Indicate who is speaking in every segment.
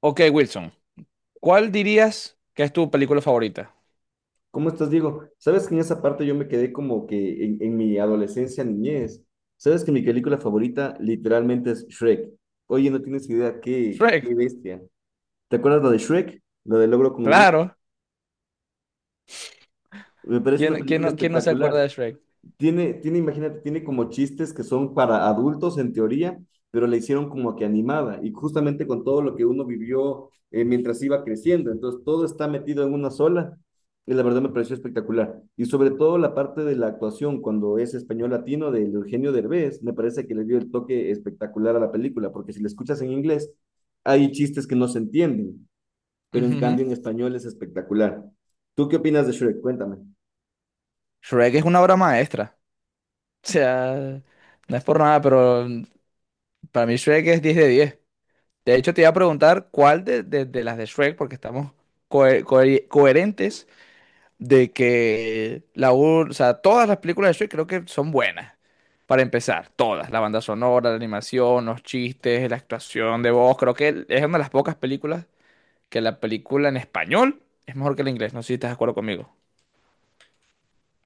Speaker 1: Ok, Wilson, ¿cuál dirías que es tu película favorita?
Speaker 2: ¿Cómo estás, Diego? Sabes que en esa parte yo me quedé como que en mi adolescencia, niñez. Sabes que mi película favorita literalmente es Shrek. Oye, no tienes idea, qué,
Speaker 1: Shrek,
Speaker 2: qué bestia. ¿Te acuerdas la de Shrek? La del logro con el burro.
Speaker 1: claro.
Speaker 2: Me parece una
Speaker 1: ¿Quién, quién
Speaker 2: película
Speaker 1: no, quién no se acuerda
Speaker 2: espectacular.
Speaker 1: de Shrek?
Speaker 2: Imagínate, tiene como chistes que son para adultos en teoría, pero la hicieron como que animada y justamente con todo lo que uno vivió mientras iba creciendo. Entonces, todo está metido en una sola y la verdad me pareció espectacular. Y sobre todo la parte de la actuación, cuando es español latino de Eugenio Derbez, me parece que le dio el toque espectacular a la película, porque si la escuchas en inglés, hay chistes que no se entienden, pero en
Speaker 1: Ujujú.
Speaker 2: cambio en español es espectacular. ¿Tú qué opinas de Shrek? Cuéntame.
Speaker 1: Shrek es una obra maestra. O sea, no es por nada, pero para mí Shrek es 10. De hecho, te iba a preguntar cuál de las de Shrek, porque estamos coherentes de que o sea, todas las películas de Shrek creo que son buenas. Para empezar, todas, la banda sonora, la animación, los chistes, la actuación de voz, creo que es una de las pocas películas que la película en español es mejor que la inglés. No sé si estás de acuerdo conmigo.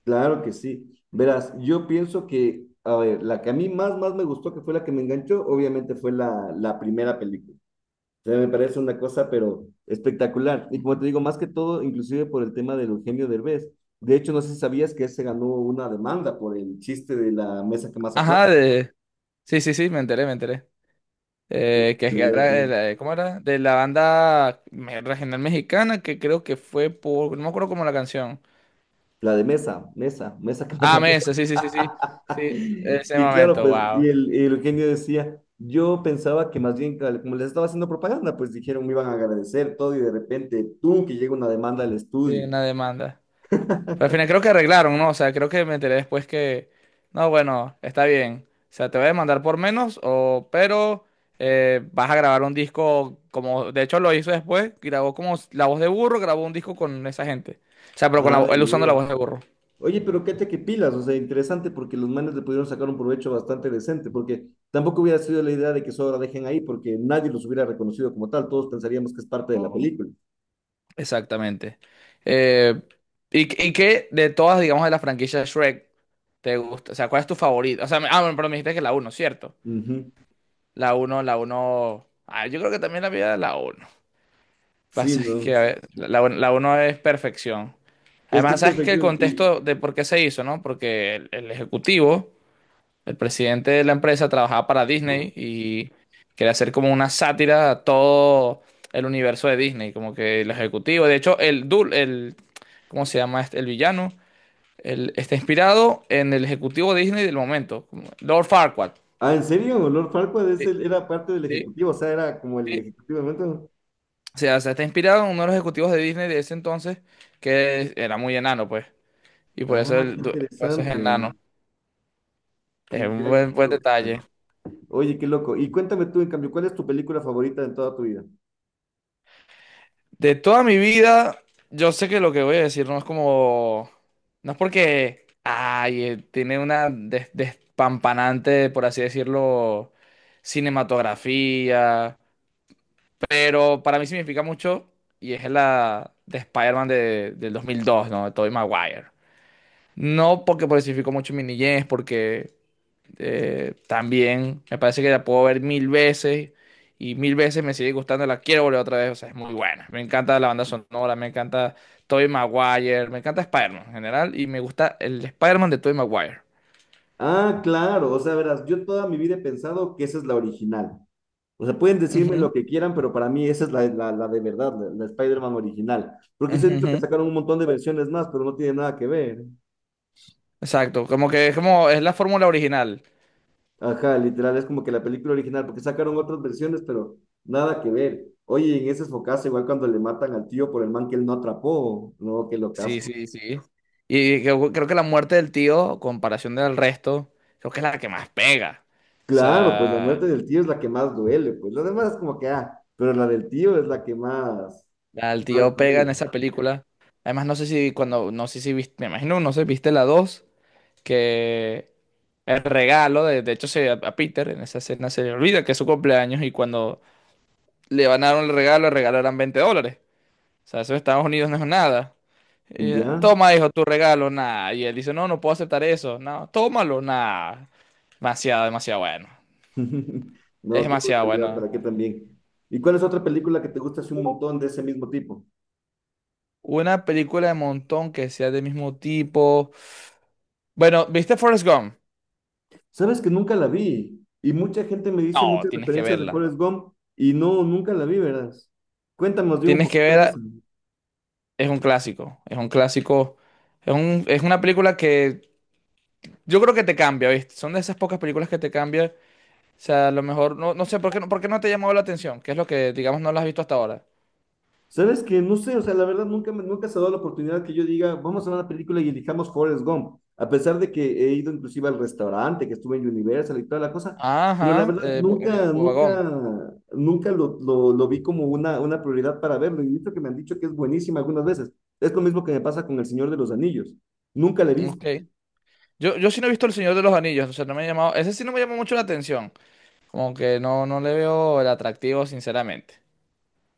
Speaker 2: Claro que sí. Verás, yo pienso que, a ver, la que a mí más me gustó, que fue la que me enganchó, obviamente fue la primera película. O sea, me parece una cosa, pero espectacular. Y como
Speaker 1: Ujú.
Speaker 2: te digo, más que todo, inclusive por el tema del Eugenio Derbez. De hecho, no sé si sabías que él se ganó una demanda por el chiste de la mesa que más aplaude.
Speaker 1: Ajá, de... Sí, sí, sí, me enteré. Que era de la, de, ¿cómo era? De la banda regional mexicana que creo que fue por... no me acuerdo cómo la canción.
Speaker 2: La de mesa, mesa, mesa que más
Speaker 1: Ah,
Speaker 2: aplaude.
Speaker 1: Mesa, sí, sí, sí, sí. Sí, ese
Speaker 2: Y claro,
Speaker 1: momento,
Speaker 2: pues,
Speaker 1: wow.
Speaker 2: y el Eugenio decía, yo pensaba que más bien, como les estaba haciendo propaganda, pues dijeron, me iban a agradecer todo y de repente, tú, que llega una demanda al
Speaker 1: Sí,
Speaker 2: estudio.
Speaker 1: una demanda. Pero al final creo que arreglaron, ¿no? O sea, creo que me enteré después que, no, bueno, está bien. O sea, te voy a demandar por menos, o, pero vas a grabar un disco como, de hecho lo hizo después, grabó como la voz de burro, grabó un disco con esa gente. O sea, pero con él
Speaker 2: Ay,
Speaker 1: usando la
Speaker 2: oye.
Speaker 1: voz de burro.
Speaker 2: Oye, pero qué que pilas, o sea, interesante porque los manes le pudieron sacar un provecho bastante decente, porque tampoco hubiera sido la idea de que eso ahora dejen ahí, porque nadie los hubiera reconocido como tal, todos pensaríamos que es parte de la película.
Speaker 1: Exactamente. Eh, y, y qué de todas, digamos, de la franquicia Shrek, ¿te gusta? O sea, ¿cuál es tu favorito? O sea, ah, bueno, pero me dijiste que la uno, ¿cierto?
Speaker 2: Ujú.
Speaker 1: La uno. Ah, yo creo que también la vida de la uno.
Speaker 2: Sí,
Speaker 1: Pasa es que
Speaker 2: ¿no?
Speaker 1: a ver, la uno es perfección.
Speaker 2: Es que es
Speaker 1: Además, sabes que
Speaker 2: perfecto.
Speaker 1: el
Speaker 2: Y,
Speaker 1: contexto de por qué se hizo, ¿no? Porque el ejecutivo, el presidente de la empresa, trabajaba para Disney y quería hacer como una sátira a todo el universo de Disney, como que el ejecutivo. De hecho, ¿cómo se llama este? El villano, está inspirado en el ejecutivo de Disney del momento, como Lord Farquaad.
Speaker 2: ah, ¿en serio? Lord Farquaad
Speaker 1: Sí,
Speaker 2: era parte del
Speaker 1: sí,
Speaker 2: ejecutivo, o sea, era como el
Speaker 1: sí.
Speaker 2: ejecutivo de momento.
Speaker 1: O sea, se está inspirado en uno de los ejecutivos de Disney de ese entonces, que era muy enano, pues. Y por eso,
Speaker 2: Ah, qué
Speaker 1: el, du- por eso es
Speaker 2: interesante.
Speaker 1: enano. Es
Speaker 2: Qué,
Speaker 1: un
Speaker 2: qué
Speaker 1: buen detalle.
Speaker 2: Oye, qué loco. Y cuéntame tú, en cambio, ¿cuál es tu película favorita de toda tu vida?
Speaker 1: De toda mi vida, yo sé que lo que voy a decir no es como... no es porque... ay, tiene una despampanante, por así decirlo, cinematografía. Pero para mí significa mucho y es la de Spider-Man de, del dos mil dos, ¿no? De Tobey Maguire. No porque por mucho en mi niñez, porque... también me parece que la puedo ver mil veces y mil veces me sigue gustando, la quiero volver otra vez, o sea, es muy buena. Me encanta la banda sonora, me encanta Tobey Maguire, me encanta Spider-Man en general y me gusta el Spider-Man de Tobey Maguire.
Speaker 2: Ah, claro, o sea, verás, yo toda mi vida he pensado que esa es la original. O sea, pueden decirme lo
Speaker 1: Ujú,
Speaker 2: que quieran, pero para mí esa es la de verdad, la Spider-Man original. Porque se han
Speaker 1: ujú,
Speaker 2: dicho
Speaker 1: ujú.
Speaker 2: que sacaron un montón de versiones más, pero no tiene nada que ver.
Speaker 1: Exacto, como que es como es la fórmula original.
Speaker 2: Ajá, literal, es como que la película original, porque sacaron otras versiones, pero nada que ver. Oye, en ese focazo, igual cuando le matan al tío por el man que él no atrapó, no, qué
Speaker 1: Sí,
Speaker 2: locazo.
Speaker 1: sí, sí. Y creo que la muerte del tío, comparación del resto, creo que es la que más pega. O
Speaker 2: Claro, pues la
Speaker 1: sea,
Speaker 2: muerte del tío es la que más duele, pues lo demás es como que, ah, pero la del tío es la que más,
Speaker 1: al
Speaker 2: más
Speaker 1: tío pega
Speaker 2: duele.
Speaker 1: en esa película. Además, no sé si viste, me imagino, no sé, viste la 2 que el regalo, de hecho, a Peter en esa escena se le olvida que es su cumpleaños y cuando le van a dar un regalo, el regalo eran $20. O sea, eso en Estados Unidos no es nada. Y,
Speaker 2: ¿Ya?
Speaker 1: toma, hijo, tu regalo, nada. Y él dice, no, no puedo aceptar eso. No, tómalo, nada. Demasiado, demasiado bueno. Es
Speaker 2: No, qué
Speaker 1: demasiado
Speaker 2: brutalidad,
Speaker 1: bueno.
Speaker 2: ¿para qué también? ¿Y cuál es otra película que te gusta así un montón de ese mismo tipo?
Speaker 1: Una película de montón que sea del mismo tipo. Bueno, ¿viste Forrest Gump?
Speaker 2: Sabes que nunca la vi y mucha gente me dice
Speaker 1: No,
Speaker 2: muchas
Speaker 1: tienes que
Speaker 2: referencias de
Speaker 1: verla.
Speaker 2: Forrest Gump y no, nunca la vi, ¿verdad? Cuéntame más bien un
Speaker 1: Tienes que
Speaker 2: poquito de
Speaker 1: verla.
Speaker 2: eso.
Speaker 1: Es un clásico. Es un clásico. Es una película que yo creo que te cambia, ¿viste? Son de esas pocas películas que te cambian. O sea, a lo mejor, no, no sé, ¿por qué no te llamó la atención? ¿Qué es lo que, digamos, no la has visto hasta ahora?
Speaker 2: Sabes que no sé, o sea, la verdad nunca, nunca se ha dado la oportunidad que yo diga, vamos a ver una película y elijamos Forrest Gump, a pesar de que he ido inclusive al restaurante, que estuve en Universal y toda la cosa, pero la
Speaker 1: Ajá,
Speaker 2: verdad, nunca,
Speaker 1: Bobagón.
Speaker 2: nunca, nunca lo vi como una prioridad para verlo y he visto que me han dicho que es buenísima algunas veces. Es lo mismo que me pasa con El Señor de los Anillos. Nunca la he
Speaker 1: Ok.
Speaker 2: visto.
Speaker 1: Yo sí no he visto El Señor de los Anillos, o sea, no me ha llamado. Ese sí no me llamó mucho la atención. Como que no, no le veo el atractivo, sinceramente.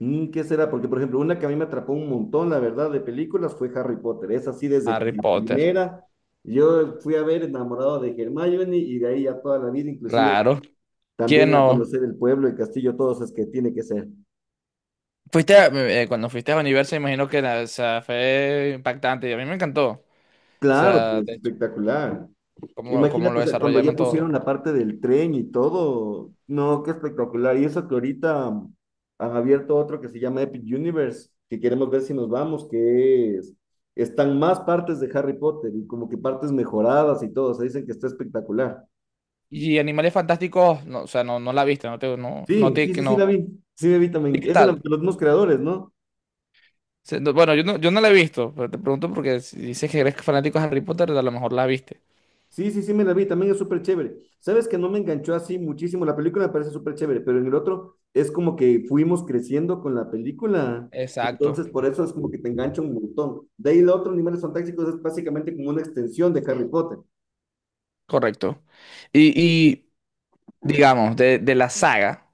Speaker 2: ¿Qué será? Porque, por ejemplo, una que a mí me atrapó un montón, la verdad, de películas fue Harry Potter. Es así desde
Speaker 1: Harry
Speaker 2: la
Speaker 1: Potter.
Speaker 2: primera. Yo fui a ver enamorado de Hermione y de ahí ya toda la vida, inclusive
Speaker 1: Claro. ¿Quién
Speaker 2: también a
Speaker 1: no?
Speaker 2: conocer el pueblo, el castillo, todo eso es que tiene que ser.
Speaker 1: Cuando fuiste a Universo, imagino que o sea, fue impactante y a mí me encantó. O
Speaker 2: Claro,
Speaker 1: sea,
Speaker 2: pues
Speaker 1: de hecho,
Speaker 2: espectacular.
Speaker 1: cómo
Speaker 2: Imagínate,
Speaker 1: lo
Speaker 2: o sea, cuando ya
Speaker 1: desarrollaron todo.
Speaker 2: pusieron la parte del tren y todo, no, qué espectacular. Y eso que ahorita han abierto otro que se llama Epic Universe, que queremos ver si nos vamos, que es, están más partes de Harry Potter y como que partes mejoradas y todo, o sea, dicen que está espectacular.
Speaker 1: Y Animales Fantásticos, no, o sea, no, no la viste, no te, no, no
Speaker 2: Sí,
Speaker 1: te,
Speaker 2: sí,
Speaker 1: que
Speaker 2: sí,
Speaker 1: no.
Speaker 2: sí, la vi
Speaker 1: ¿Y
Speaker 2: también.
Speaker 1: qué
Speaker 2: Es de, de
Speaker 1: tal?
Speaker 2: los mismos creadores, ¿no?
Speaker 1: O sea, bueno, yo no la he visto, pero te pregunto porque si dices que eres fanático de Harry Potter, a lo mejor la viste.
Speaker 2: Sí, sí, sí, me la vi, también es súper chévere. Sabes que no me enganchó así muchísimo, la película me parece súper chévere, pero en el otro es como que fuimos creciendo con la película,
Speaker 1: Exacto,
Speaker 2: entonces por eso es como que te engancha un montón. De ahí el otro, Animales Fantásticos, es básicamente como una extensión de Harry Potter.
Speaker 1: correcto. Y, y digamos, de la saga,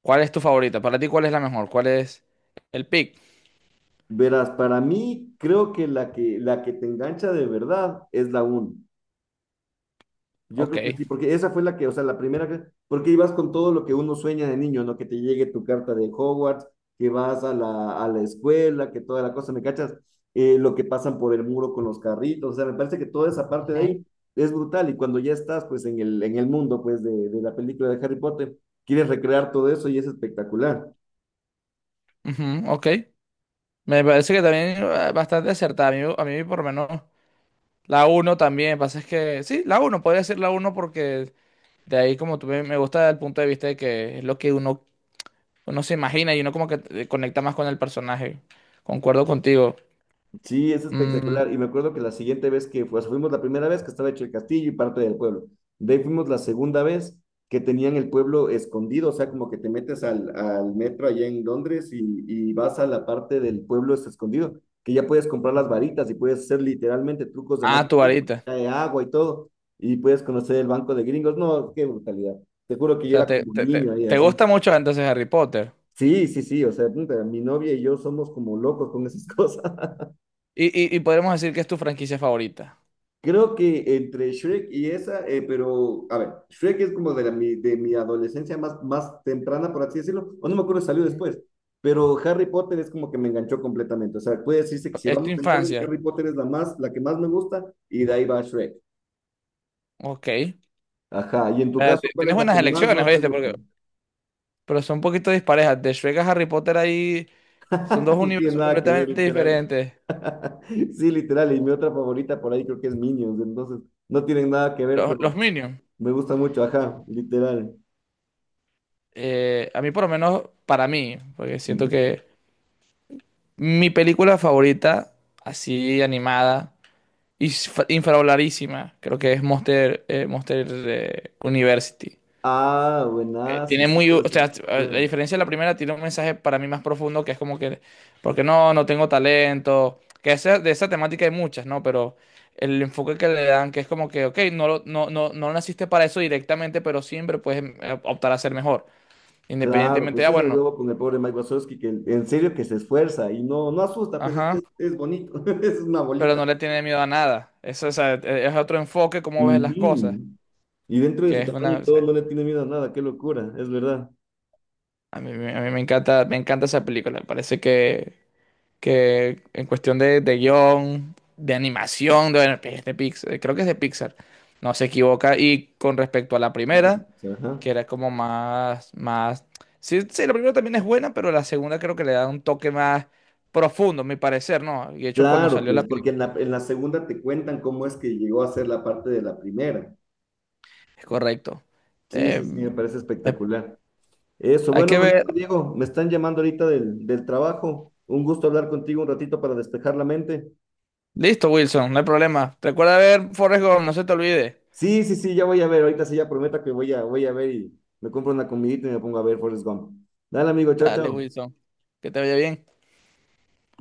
Speaker 1: ¿cuál es tu favorita? Para ti, ¿cuál es la mejor? ¿Cuál es el pick?
Speaker 2: Verás, para mí creo que la que te engancha de verdad es la uno. Yo
Speaker 1: Ok.
Speaker 2: creo que sí, porque esa fue la que, o sea, la primera, porque ibas con todo lo que uno sueña de niño, ¿no? Que te llegue tu carta de Hogwarts, que vas a la escuela, que toda la cosa, ¿me cachas? Lo que pasan por el muro con los carritos, o sea, me parece que toda esa parte de
Speaker 1: Ujú,
Speaker 2: ahí es brutal y cuando ya estás, pues, en el mundo, pues, de la película de Harry Potter, quieres recrear todo eso y es espectacular.
Speaker 1: ujú, ok. Me parece que también bastante acertada. A mí por lo menos la uno también. Pasa es que sí, la uno podría ser la uno porque de ahí como tú me gusta el punto de vista de que es lo que uno se imagina y uno como que conecta más con el personaje. Concuerdo contigo.
Speaker 2: Sí, es
Speaker 1: Mm,
Speaker 2: espectacular. Y me acuerdo que la siguiente vez que pues, fuimos la primera vez que estaba hecho el castillo y parte del pueblo. De ahí fuimos la segunda vez que tenían el pueblo escondido, o sea, como que te metes al metro allá en Londres y vas a la parte del pueblo es escondido, que ya puedes comprar las
Speaker 1: ujú.
Speaker 2: varitas y puedes hacer literalmente trucos de
Speaker 1: Ah,
Speaker 2: magia,
Speaker 1: tu varita.
Speaker 2: de agua y todo, y puedes conocer el banco de gringos. No, qué brutalidad. Te juro que
Speaker 1: O
Speaker 2: yo
Speaker 1: sea,
Speaker 2: era
Speaker 1: te,
Speaker 2: como un
Speaker 1: te, te-
Speaker 2: niño ahí
Speaker 1: te
Speaker 2: así.
Speaker 1: gusta mucho entonces Harry Potter.
Speaker 2: Sí, sí, sí, o sea, puta, mi novia y yo somos como locos con esas cosas.
Speaker 1: Y, y podemos decir que es tu franquicia favorita.
Speaker 2: Creo que entre Shrek y esa, pero a ver, Shrek es como de mi adolescencia más, más temprana, por así decirlo, o no me acuerdo si salió
Speaker 1: Ujú.
Speaker 2: después, pero Harry Potter es como que me enganchó completamente. O sea, puede decirse que si
Speaker 1: Es tu
Speaker 2: vamos en orden,
Speaker 1: infancia.
Speaker 2: Harry Potter es la que más me gusta y de ahí va Shrek.
Speaker 1: Ok.
Speaker 2: Ajá, y en tu caso, ¿cuál es
Speaker 1: Tienes
Speaker 2: la
Speaker 1: buenas
Speaker 2: que más,
Speaker 1: elecciones,
Speaker 2: más te
Speaker 1: ¿viste?
Speaker 2: gusta?
Speaker 1: Pero son un poquito disparejas. De Shrek a Harry Potter ahí son dos
Speaker 2: No tiene
Speaker 1: universos
Speaker 2: nada que ver,
Speaker 1: completamente
Speaker 2: literal.
Speaker 1: diferentes.
Speaker 2: Sí, literal, y mi otra favorita por ahí creo que es Minions, entonces no tienen nada que ver,
Speaker 1: Los,
Speaker 2: pero
Speaker 1: los Minions,
Speaker 2: me gusta mucho, ajá, literal.
Speaker 1: a mí por lo menos, para mí, porque siento
Speaker 2: Ujú.
Speaker 1: que mi película favorita, así animada, y infravaloradísima, creo que es Monster University.
Speaker 2: Ah, buenazo,
Speaker 1: Tiene
Speaker 2: sí,
Speaker 1: muy, o
Speaker 2: o sea,
Speaker 1: sea, a
Speaker 2: claro,
Speaker 1: diferencia de la primera, tiene un mensaje para mí más profundo que es como que, porque no, no tengo talento, que de esa temática hay muchas, ¿no? Pero el enfoque que le dan, que es como que, ok, no, no, no, no naciste para eso directamente, pero siempre puedes optar a ser mejor,
Speaker 2: claro,
Speaker 1: independientemente
Speaker 2: pues
Speaker 1: de, ah,
Speaker 2: sí es el
Speaker 1: bueno,
Speaker 2: huevo con el pobre Mike Wazowski, que en serio que se esfuerza y no, no asusta, pues es,
Speaker 1: ajá,
Speaker 2: es, es bonito, es una
Speaker 1: pero
Speaker 2: bolita.
Speaker 1: no le tiene miedo a nada. Eso, o sea, es otro enfoque, cómo ves las cosas,
Speaker 2: Ujú. Y dentro de
Speaker 1: que
Speaker 2: su
Speaker 1: es
Speaker 2: tamaño
Speaker 1: una,
Speaker 2: y
Speaker 1: o
Speaker 2: todo,
Speaker 1: sea,
Speaker 2: no le tiene miedo a nada, qué locura, es verdad.
Speaker 1: a mí me encanta esa película, me parece que en cuestión de guión, de animación, bueno, es de Pixar, creo que es de Pixar, no se equivoca. Y con respecto a la
Speaker 2: Creo que-
Speaker 1: primera, que
Speaker 2: ajá.
Speaker 1: era como más, más, sí, sí, la primera también es buena, pero la segunda creo que le da un toque más profundo, a mi parecer, ¿no? Y de hecho cuando
Speaker 2: Claro,
Speaker 1: salió la
Speaker 2: pues, porque en
Speaker 1: película,
Speaker 2: la segunda te cuentan cómo es que llegó a ser la parte de la primera.
Speaker 1: es correcto.
Speaker 2: Sí,
Speaker 1: Eh,
Speaker 2: sí, sí, me parece
Speaker 1: eh,
Speaker 2: espectacular. Eso,
Speaker 1: hay
Speaker 2: bueno,
Speaker 1: que
Speaker 2: amigo
Speaker 1: ver.
Speaker 2: Diego, me están llamando ahorita del trabajo. Un gusto hablar contigo un ratito para despejar la mente.
Speaker 1: Listo, Wilson, no hay problema. Recuerda ver Forrest Gump, no se te olvide.
Speaker 2: Sí, sí, sí, ya voy a ver. Ahorita sí ya prometo que voy a ver y me compro una comidita y me pongo a ver Forrest Gump. Dale, amigo, chao,
Speaker 1: Dale,
Speaker 2: chao.
Speaker 1: Wilson, que te vaya bien.